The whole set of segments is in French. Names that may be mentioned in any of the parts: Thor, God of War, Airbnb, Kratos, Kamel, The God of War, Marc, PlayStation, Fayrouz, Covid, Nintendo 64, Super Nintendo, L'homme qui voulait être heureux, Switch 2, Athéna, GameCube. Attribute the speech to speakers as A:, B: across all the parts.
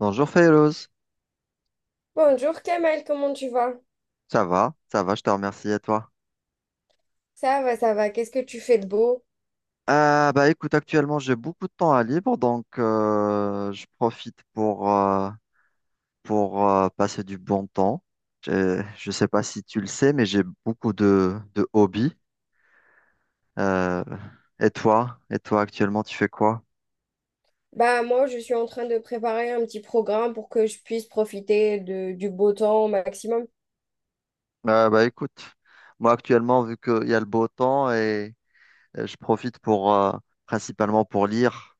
A: Bonjour Fayrouz,
B: Bonjour Kamel, comment tu vas?
A: ça va, je te remercie et toi?
B: Ça va, ça va. Qu'est-ce que tu fais de beau?
A: Bah écoute, actuellement j'ai beaucoup de temps à libre, donc je profite pour, passer du bon temps. Je sais pas si tu le sais, mais j'ai beaucoup de hobbies. Euh, et toi? Et toi actuellement tu fais quoi?
B: Bah moi, je suis en train de préparer un petit programme pour que je puisse profiter du beau temps au maximum.
A: Bah écoute, moi actuellement vu qu'il y a le beau temps et je profite pour principalement pour lire.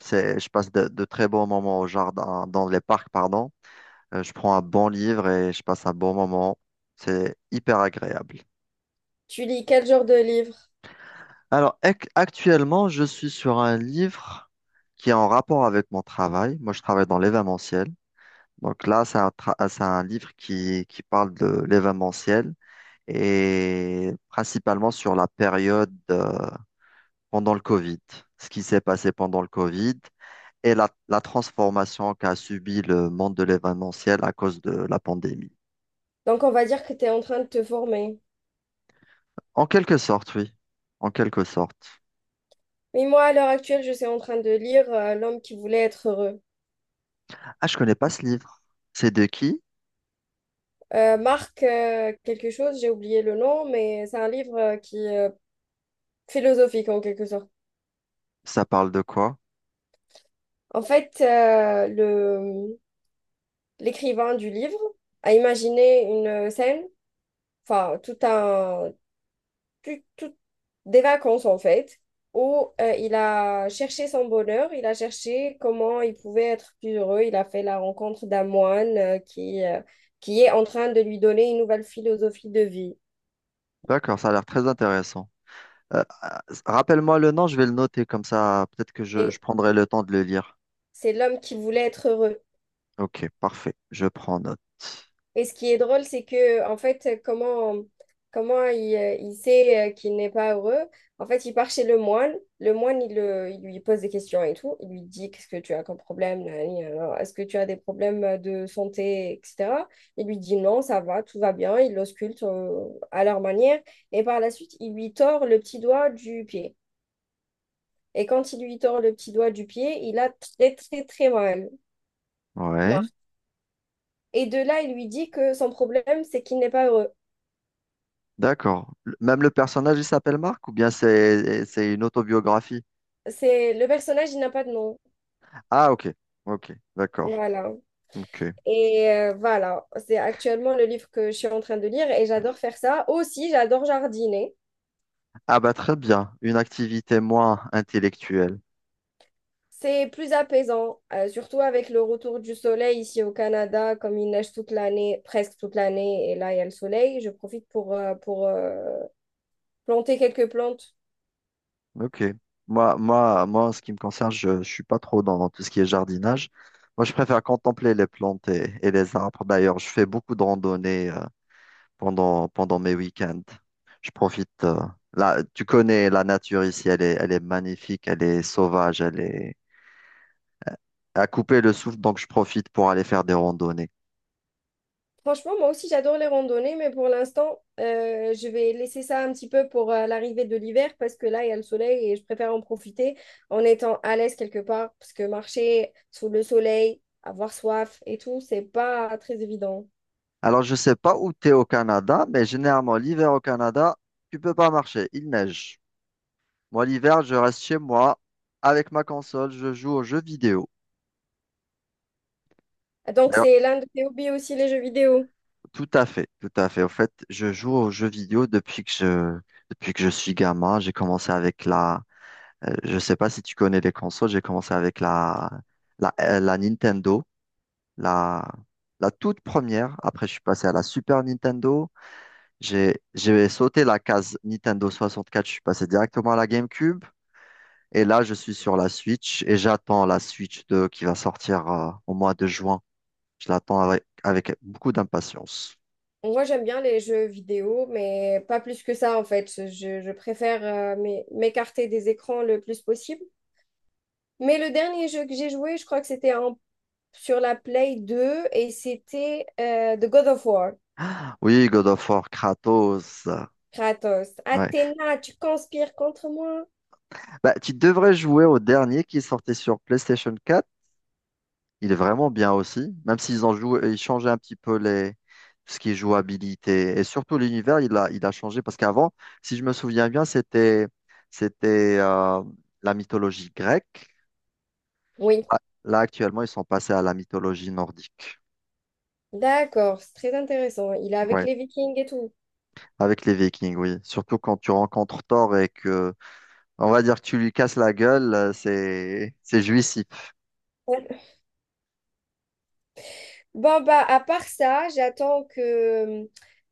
A: Je passe de très bons moments au jardin, dans les parcs, pardon. Je prends un bon livre et je passe un bon moment. C'est hyper agréable.
B: Tu lis quel genre de livre?
A: Alors, actuellement, je suis sur un livre qui est en rapport avec mon travail. Moi, je travaille dans l'événementiel. Donc là, c'est un livre qui parle de l'événementiel et principalement sur la période pendant le Covid, ce qui s'est passé pendant le Covid et la transformation qu'a subi le monde de l'événementiel à cause de la pandémie.
B: Donc on va dire que tu es en train de te former.
A: En quelque sorte, oui. En quelque sorte.
B: Mais moi, à l'heure actuelle, je suis en train de lire L'homme qui voulait être heureux.
A: Ah, je connais pas ce livre. C'est de qui?
B: Marc, quelque chose, j'ai oublié le nom, mais c'est un livre qui est philosophique en quelque sorte.
A: Ça parle de quoi?
B: En fait, le, l'écrivain du livre a imaginé une scène enfin, tout un, tout- tout- des vacances en fait, où il a cherché son bonheur, il a cherché comment il pouvait être plus heureux. Il a fait la rencontre d'un moine qui qui est en train de lui donner une nouvelle philosophie de vie.
A: D'accord, ça a l'air très intéressant. Rappelle-moi le nom, je vais le noter comme ça, peut-être que je
B: Et
A: prendrai le temps de le lire.
B: c'est l'homme qui voulait être heureux.
A: Ok, parfait, je prends note.
B: Et ce qui est drôle, c'est que, en fait, comment il sait qu'il n'est pas heureux? En fait, il part chez le moine. Le moine, il lui pose des questions et tout. Il lui dit, qu'est-ce que tu as comme problème? Nanani, nanana, est-ce que tu as des problèmes de santé, etc. Il lui dit, non, ça va, tout va bien. Il l'ausculte à leur manière. Et par la suite, il lui tord le petit doigt du pied. Et quand il lui tord le petit doigt du pied, il a très, très, très mal.
A: Ouais,
B: Marc. Et de là, il lui dit que son problème, c'est qu'il n'est pas heureux.
A: d'accord. Même le personnage, il s'appelle Marc ou bien c'est une autobiographie?
B: C'est le personnage, il n'a pas de nom.
A: Ah, ok, ok, d'accord.
B: Voilà.
A: Ok.
B: Et voilà, c'est actuellement le livre que je suis en train de lire et j'adore faire ça. Aussi, j'adore jardiner.
A: Ah bah très bien, une activité moins intellectuelle.
B: C'est plus apaisant, surtout avec le retour du soleil ici au Canada, comme il neige toute l'année, presque toute l'année, et là il y a le soleil. Je profite pour planter quelques plantes.
A: Ok. En ce qui me concerne, je suis pas trop dans tout ce qui est jardinage. Moi, je préfère contempler les plantes et les arbres. D'ailleurs, je fais beaucoup de randonnées pendant mes week-ends. Je profite. Là, tu connais la nature ici, elle est magnifique, elle est sauvage, elle est à couper le souffle, donc je profite pour aller faire des randonnées.
B: Franchement, moi aussi, j'adore les randonnées, mais pour l'instant, je vais laisser ça un petit peu pour l'arrivée de l'hiver parce que là, il y a le soleil et je préfère en profiter en étant à l'aise quelque part parce que marcher sous le soleil, avoir soif et tout, c'est pas très évident.
A: Alors, je ne sais pas où tu es au Canada, mais généralement, l'hiver au Canada, tu peux pas marcher, il neige. Moi, l'hiver, je reste chez moi avec ma console, je joue aux jeux vidéo.
B: Donc,
A: D'ailleurs,
B: c'est l'un de tes hobbies aussi, les jeux vidéo.
A: tout à fait, tout à fait. En fait, je joue aux jeux vidéo depuis que je suis gamin. J'ai commencé avec la, Je sais pas si tu connais les consoles, j'ai commencé avec la Nintendo, la, la toute première. Après, je suis passé à la Super Nintendo. J'ai sauté la case Nintendo 64, je suis passé directement à la GameCube. Et là, je suis sur la Switch et j'attends la Switch 2 qui va sortir, au mois de juin. Je l'attends avec, avec beaucoup d'impatience.
B: Moi, j'aime bien les jeux vidéo, mais pas plus que ça en fait. Je préfère m'écarter des écrans le plus possible. Mais le dernier jeu que j'ai joué, je crois que c'était un sur la PS2 et c'était The God of War.
A: Oui, God of War, Kratos.
B: Kratos,
A: Ouais.
B: Athéna, tu conspires contre moi?
A: Bah, tu devrais jouer au dernier qui sortait sur PlayStation quatre. Il est vraiment bien aussi, même s'ils ont joué, ils changeaient un petit peu les, tout ce qui est jouabilité. Et surtout l'univers, il a changé parce qu'avant, si je me souviens bien, c'était, c'était la mythologie grecque.
B: Oui,
A: Là, Là, actuellement, ils sont passés à la mythologie nordique.
B: d'accord, c'est très intéressant. Il est avec
A: Ouais,
B: les Vikings et tout.
A: avec les Vikings, oui. Surtout quand tu rencontres Thor on va dire que tu lui casses la gueule, c'est jouissif.
B: Ouais. Bon, bah, à part ça, j'attends que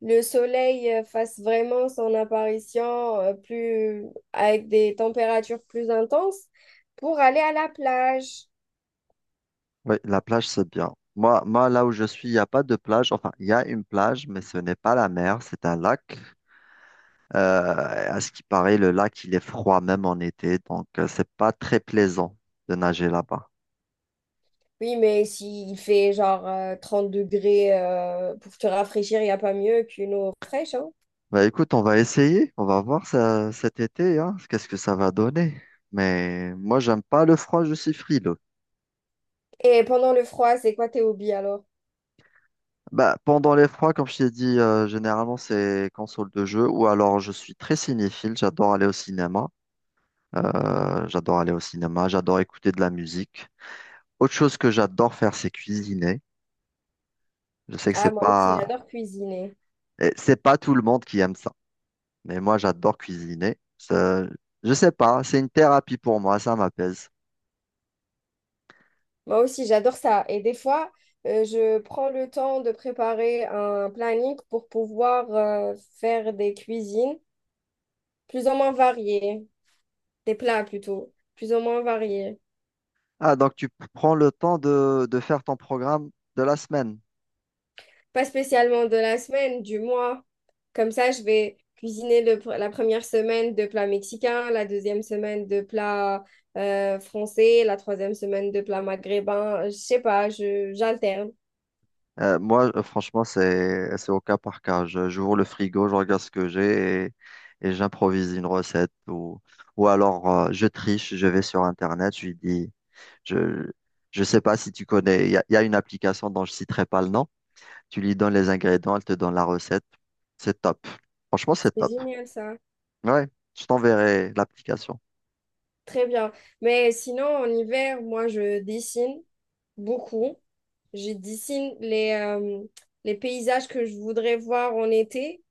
B: le soleil fasse vraiment son apparition avec des températures plus intenses pour aller à la plage.
A: Oui, la plage, c'est bien. Là où je suis, il n'y a pas de plage. Enfin, il y a une plage, mais ce n'est pas la mer, c'est un lac. Euh, à ce qui paraît, il est froid même en été, donc c'est pas très plaisant de nager là-bas.
B: Oui, mais s'il fait genre 30 degrés pour te rafraîchir, il n'y a pas mieux qu'une eau fraîche, hein.
A: Bah, écoute, on va essayer, on va voir ça, cet été, hein, qu'est-ce que ça va donner. Mais moi, j'aime pas le froid, je suis frileux.
B: Et pendant le froid, c'est quoi tes hobbies alors?
A: Bah, pendant les froids, comme je t'ai dit, généralement, c'est console de jeu ou alors je suis très cinéphile, j'adore aller au cinéma. J'adore écouter de la musique. Autre chose que j'adore faire, c'est cuisiner. Je sais que c'est
B: Ah, moi aussi,
A: pas,
B: j'adore cuisiner.
A: eh, C'est pas tout le monde qui aime ça, mais moi j'adore cuisiner. Je sais pas, c'est une thérapie pour moi, ça m'apaise.
B: Moi aussi, j'adore ça. Et des fois, je prends le temps de préparer un planning pour pouvoir faire des cuisines plus ou moins variées, des plats plutôt, plus ou moins variés.
A: Ah, donc tu prends le temps de faire ton programme de la semaine.
B: Pas spécialement de la semaine, du mois. Comme ça, je vais cuisiner la première semaine de plats mexicains, la deuxième semaine de plats français, la troisième semaine de plats maghrébins. Je sais pas, j'alterne.
A: Franchement, c'est au cas par cas. J'ouvre le frigo, je regarde ce que j'ai et j'improvise une recette ou alors je triche, je vais sur Internet, je lui dis. Je je sais pas si tu connais, il y a une application dont je citerai pas le nom. Tu lui donnes les ingrédients, elle te donne la recette. C'est top. Franchement, c'est
B: C'est
A: top.
B: génial ça.
A: Ouais, je t'enverrai l'application.
B: Très bien. Mais sinon, en hiver, moi, je dessine beaucoup. Je dessine les paysages que je voudrais voir en été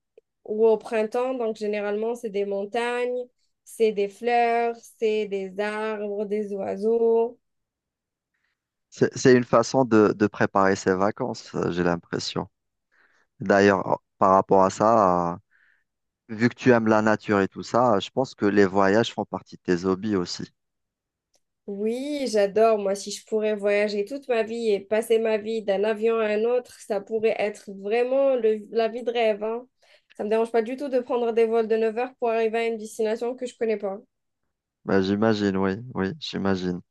B: ou au printemps. Donc, généralement, c'est des montagnes, c'est des fleurs, c'est des arbres, des oiseaux.
A: C'est une façon de préparer ses vacances, j'ai l'impression. D'ailleurs, par rapport à ça, vu que tu aimes la nature et tout ça, je pense que les voyages font partie de tes hobbies aussi.
B: Oui, j'adore. Moi, si je pourrais voyager toute ma vie et passer ma vie d'un avion à un autre, ça pourrait être vraiment la vie de rêve, hein. Ça me dérange pas du tout de prendre des vols de 9 heures pour arriver à une destination que je connais pas.
A: Bah, j'imagine, oui, oui, j'imagine.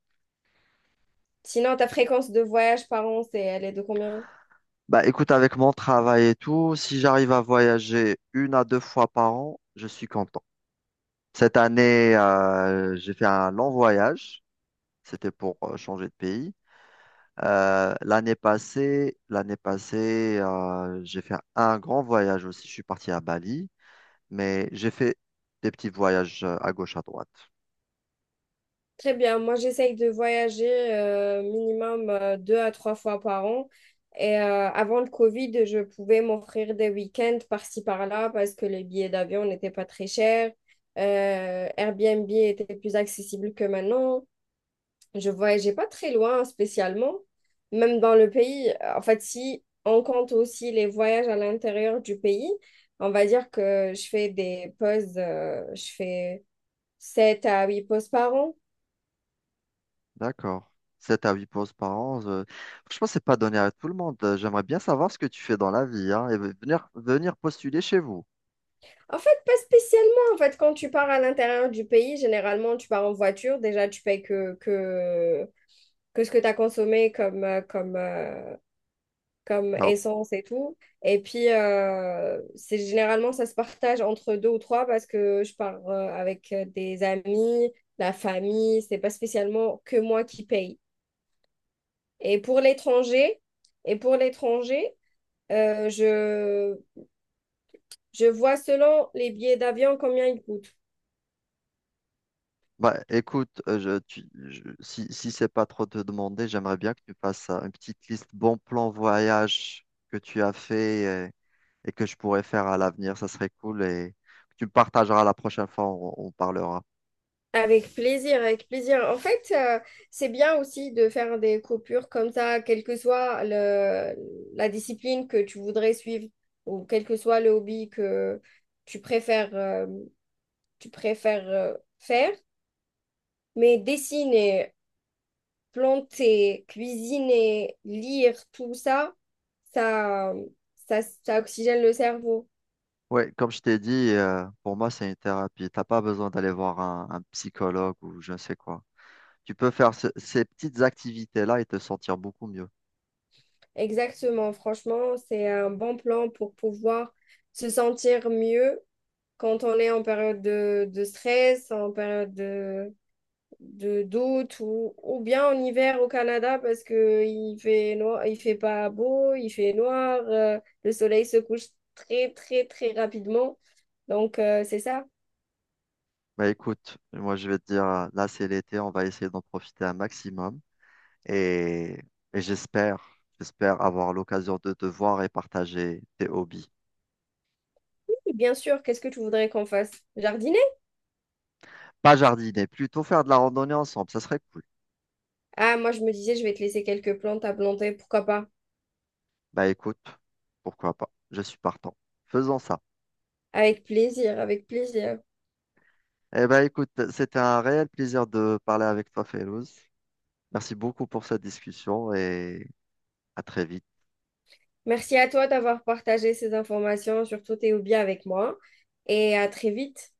B: Sinon, ta fréquence de voyage par an, elle est de combien?
A: Bah, écoute, avec mon travail et tout, si j'arrive à voyager une à deux fois par an, je suis content. Cette année, j'ai fait un long voyage. C'était pour changer de pays. L'année passée, j'ai fait un grand voyage aussi. Je suis parti à Bali, mais j'ai fait des petits voyages à gauche, à droite.
B: Très bien. Moi, j'essaye de voyager minimum deux à trois fois par an. Et avant le Covid, je pouvais m'offrir des week-ends par-ci par-là parce que les billets d'avion n'étaient pas très chers. Airbnb était plus accessible que maintenant. Je voyageais pas très loin spécialement, même dans le pays. En fait, si on compte aussi les voyages à l'intérieur du pays, on va dire que je fais des pauses, je fais 7 à 8 pauses par an.
A: D'accord. Sept à huit pauses par an. Franchement, c'est pas donné à tout le monde. J'aimerais bien savoir ce que tu fais dans la vie, hein, et venir, venir postuler chez vous.
B: En fait, pas spécialement. En fait, quand tu pars à l'intérieur du pays, généralement, tu pars en voiture. Déjà, tu payes que ce que tu as consommé comme
A: Car
B: essence et tout. Et puis, c'est généralement, ça se partage entre deux ou trois parce que je pars avec des amis, la famille. C'est pas spécialement que moi qui paye. Et pour l'étranger, et pour l'étranger, euh, je, je vois selon les billets d'avion combien ils coûtent.
A: bah, écoute, si, si c'est pas trop te demander, j'aimerais bien que tu fasses une petite liste bons plans voyage que tu as fait et que je pourrais faire à l'avenir. Ça serait cool et que tu me partageras la prochaine fois, on parlera.
B: Avec plaisir, avec plaisir. En fait, c'est bien aussi de faire des coupures comme ça, quelle que soit la discipline que tu voudrais suivre ou quel que soit le hobby que tu préfères, euh, tu préfères faire. Mais dessiner, planter, cuisiner, lire, tout ça, ça, ça oxygène le cerveau.
A: Ouais, comme je t'ai dit, pour moi, c'est une thérapie. T'as pas besoin d'aller voir un psychologue ou je ne sais quoi. Tu peux faire ces petites activités-là et te sentir beaucoup mieux.
B: Exactement. Franchement, c'est un bon plan pour pouvoir se sentir mieux quand on est en période de stress, en période de doute ou bien en hiver au Canada parce que il fait noir, il fait pas beau, il fait noir, le soleil se couche très, très, très rapidement. Donc, c'est ça.
A: Bah écoute, moi je vais te dire, là c'est l'été, on va essayer d'en profiter un maximum. Et, et j'espère, j'espère avoir l'occasion de te voir et partager tes hobbies.
B: Oui, bien sûr, qu'est-ce que tu voudrais qu'on fasse? Jardiner?
A: Pas jardiner, plutôt faire de la randonnée ensemble, ça serait cool.
B: Ah, moi je me disais, je vais te laisser quelques plantes à planter, pourquoi pas?
A: Bah écoute, pourquoi pas, je suis partant. Faisons ça.
B: Avec plaisir, avec plaisir.
A: Eh ben écoute, c'était un réel plaisir de parler avec toi, Félouz. Merci beaucoup pour cette discussion et à très vite.
B: Merci à toi d'avoir partagé ces informations, surtout tes hobbies avec moi, et à très vite.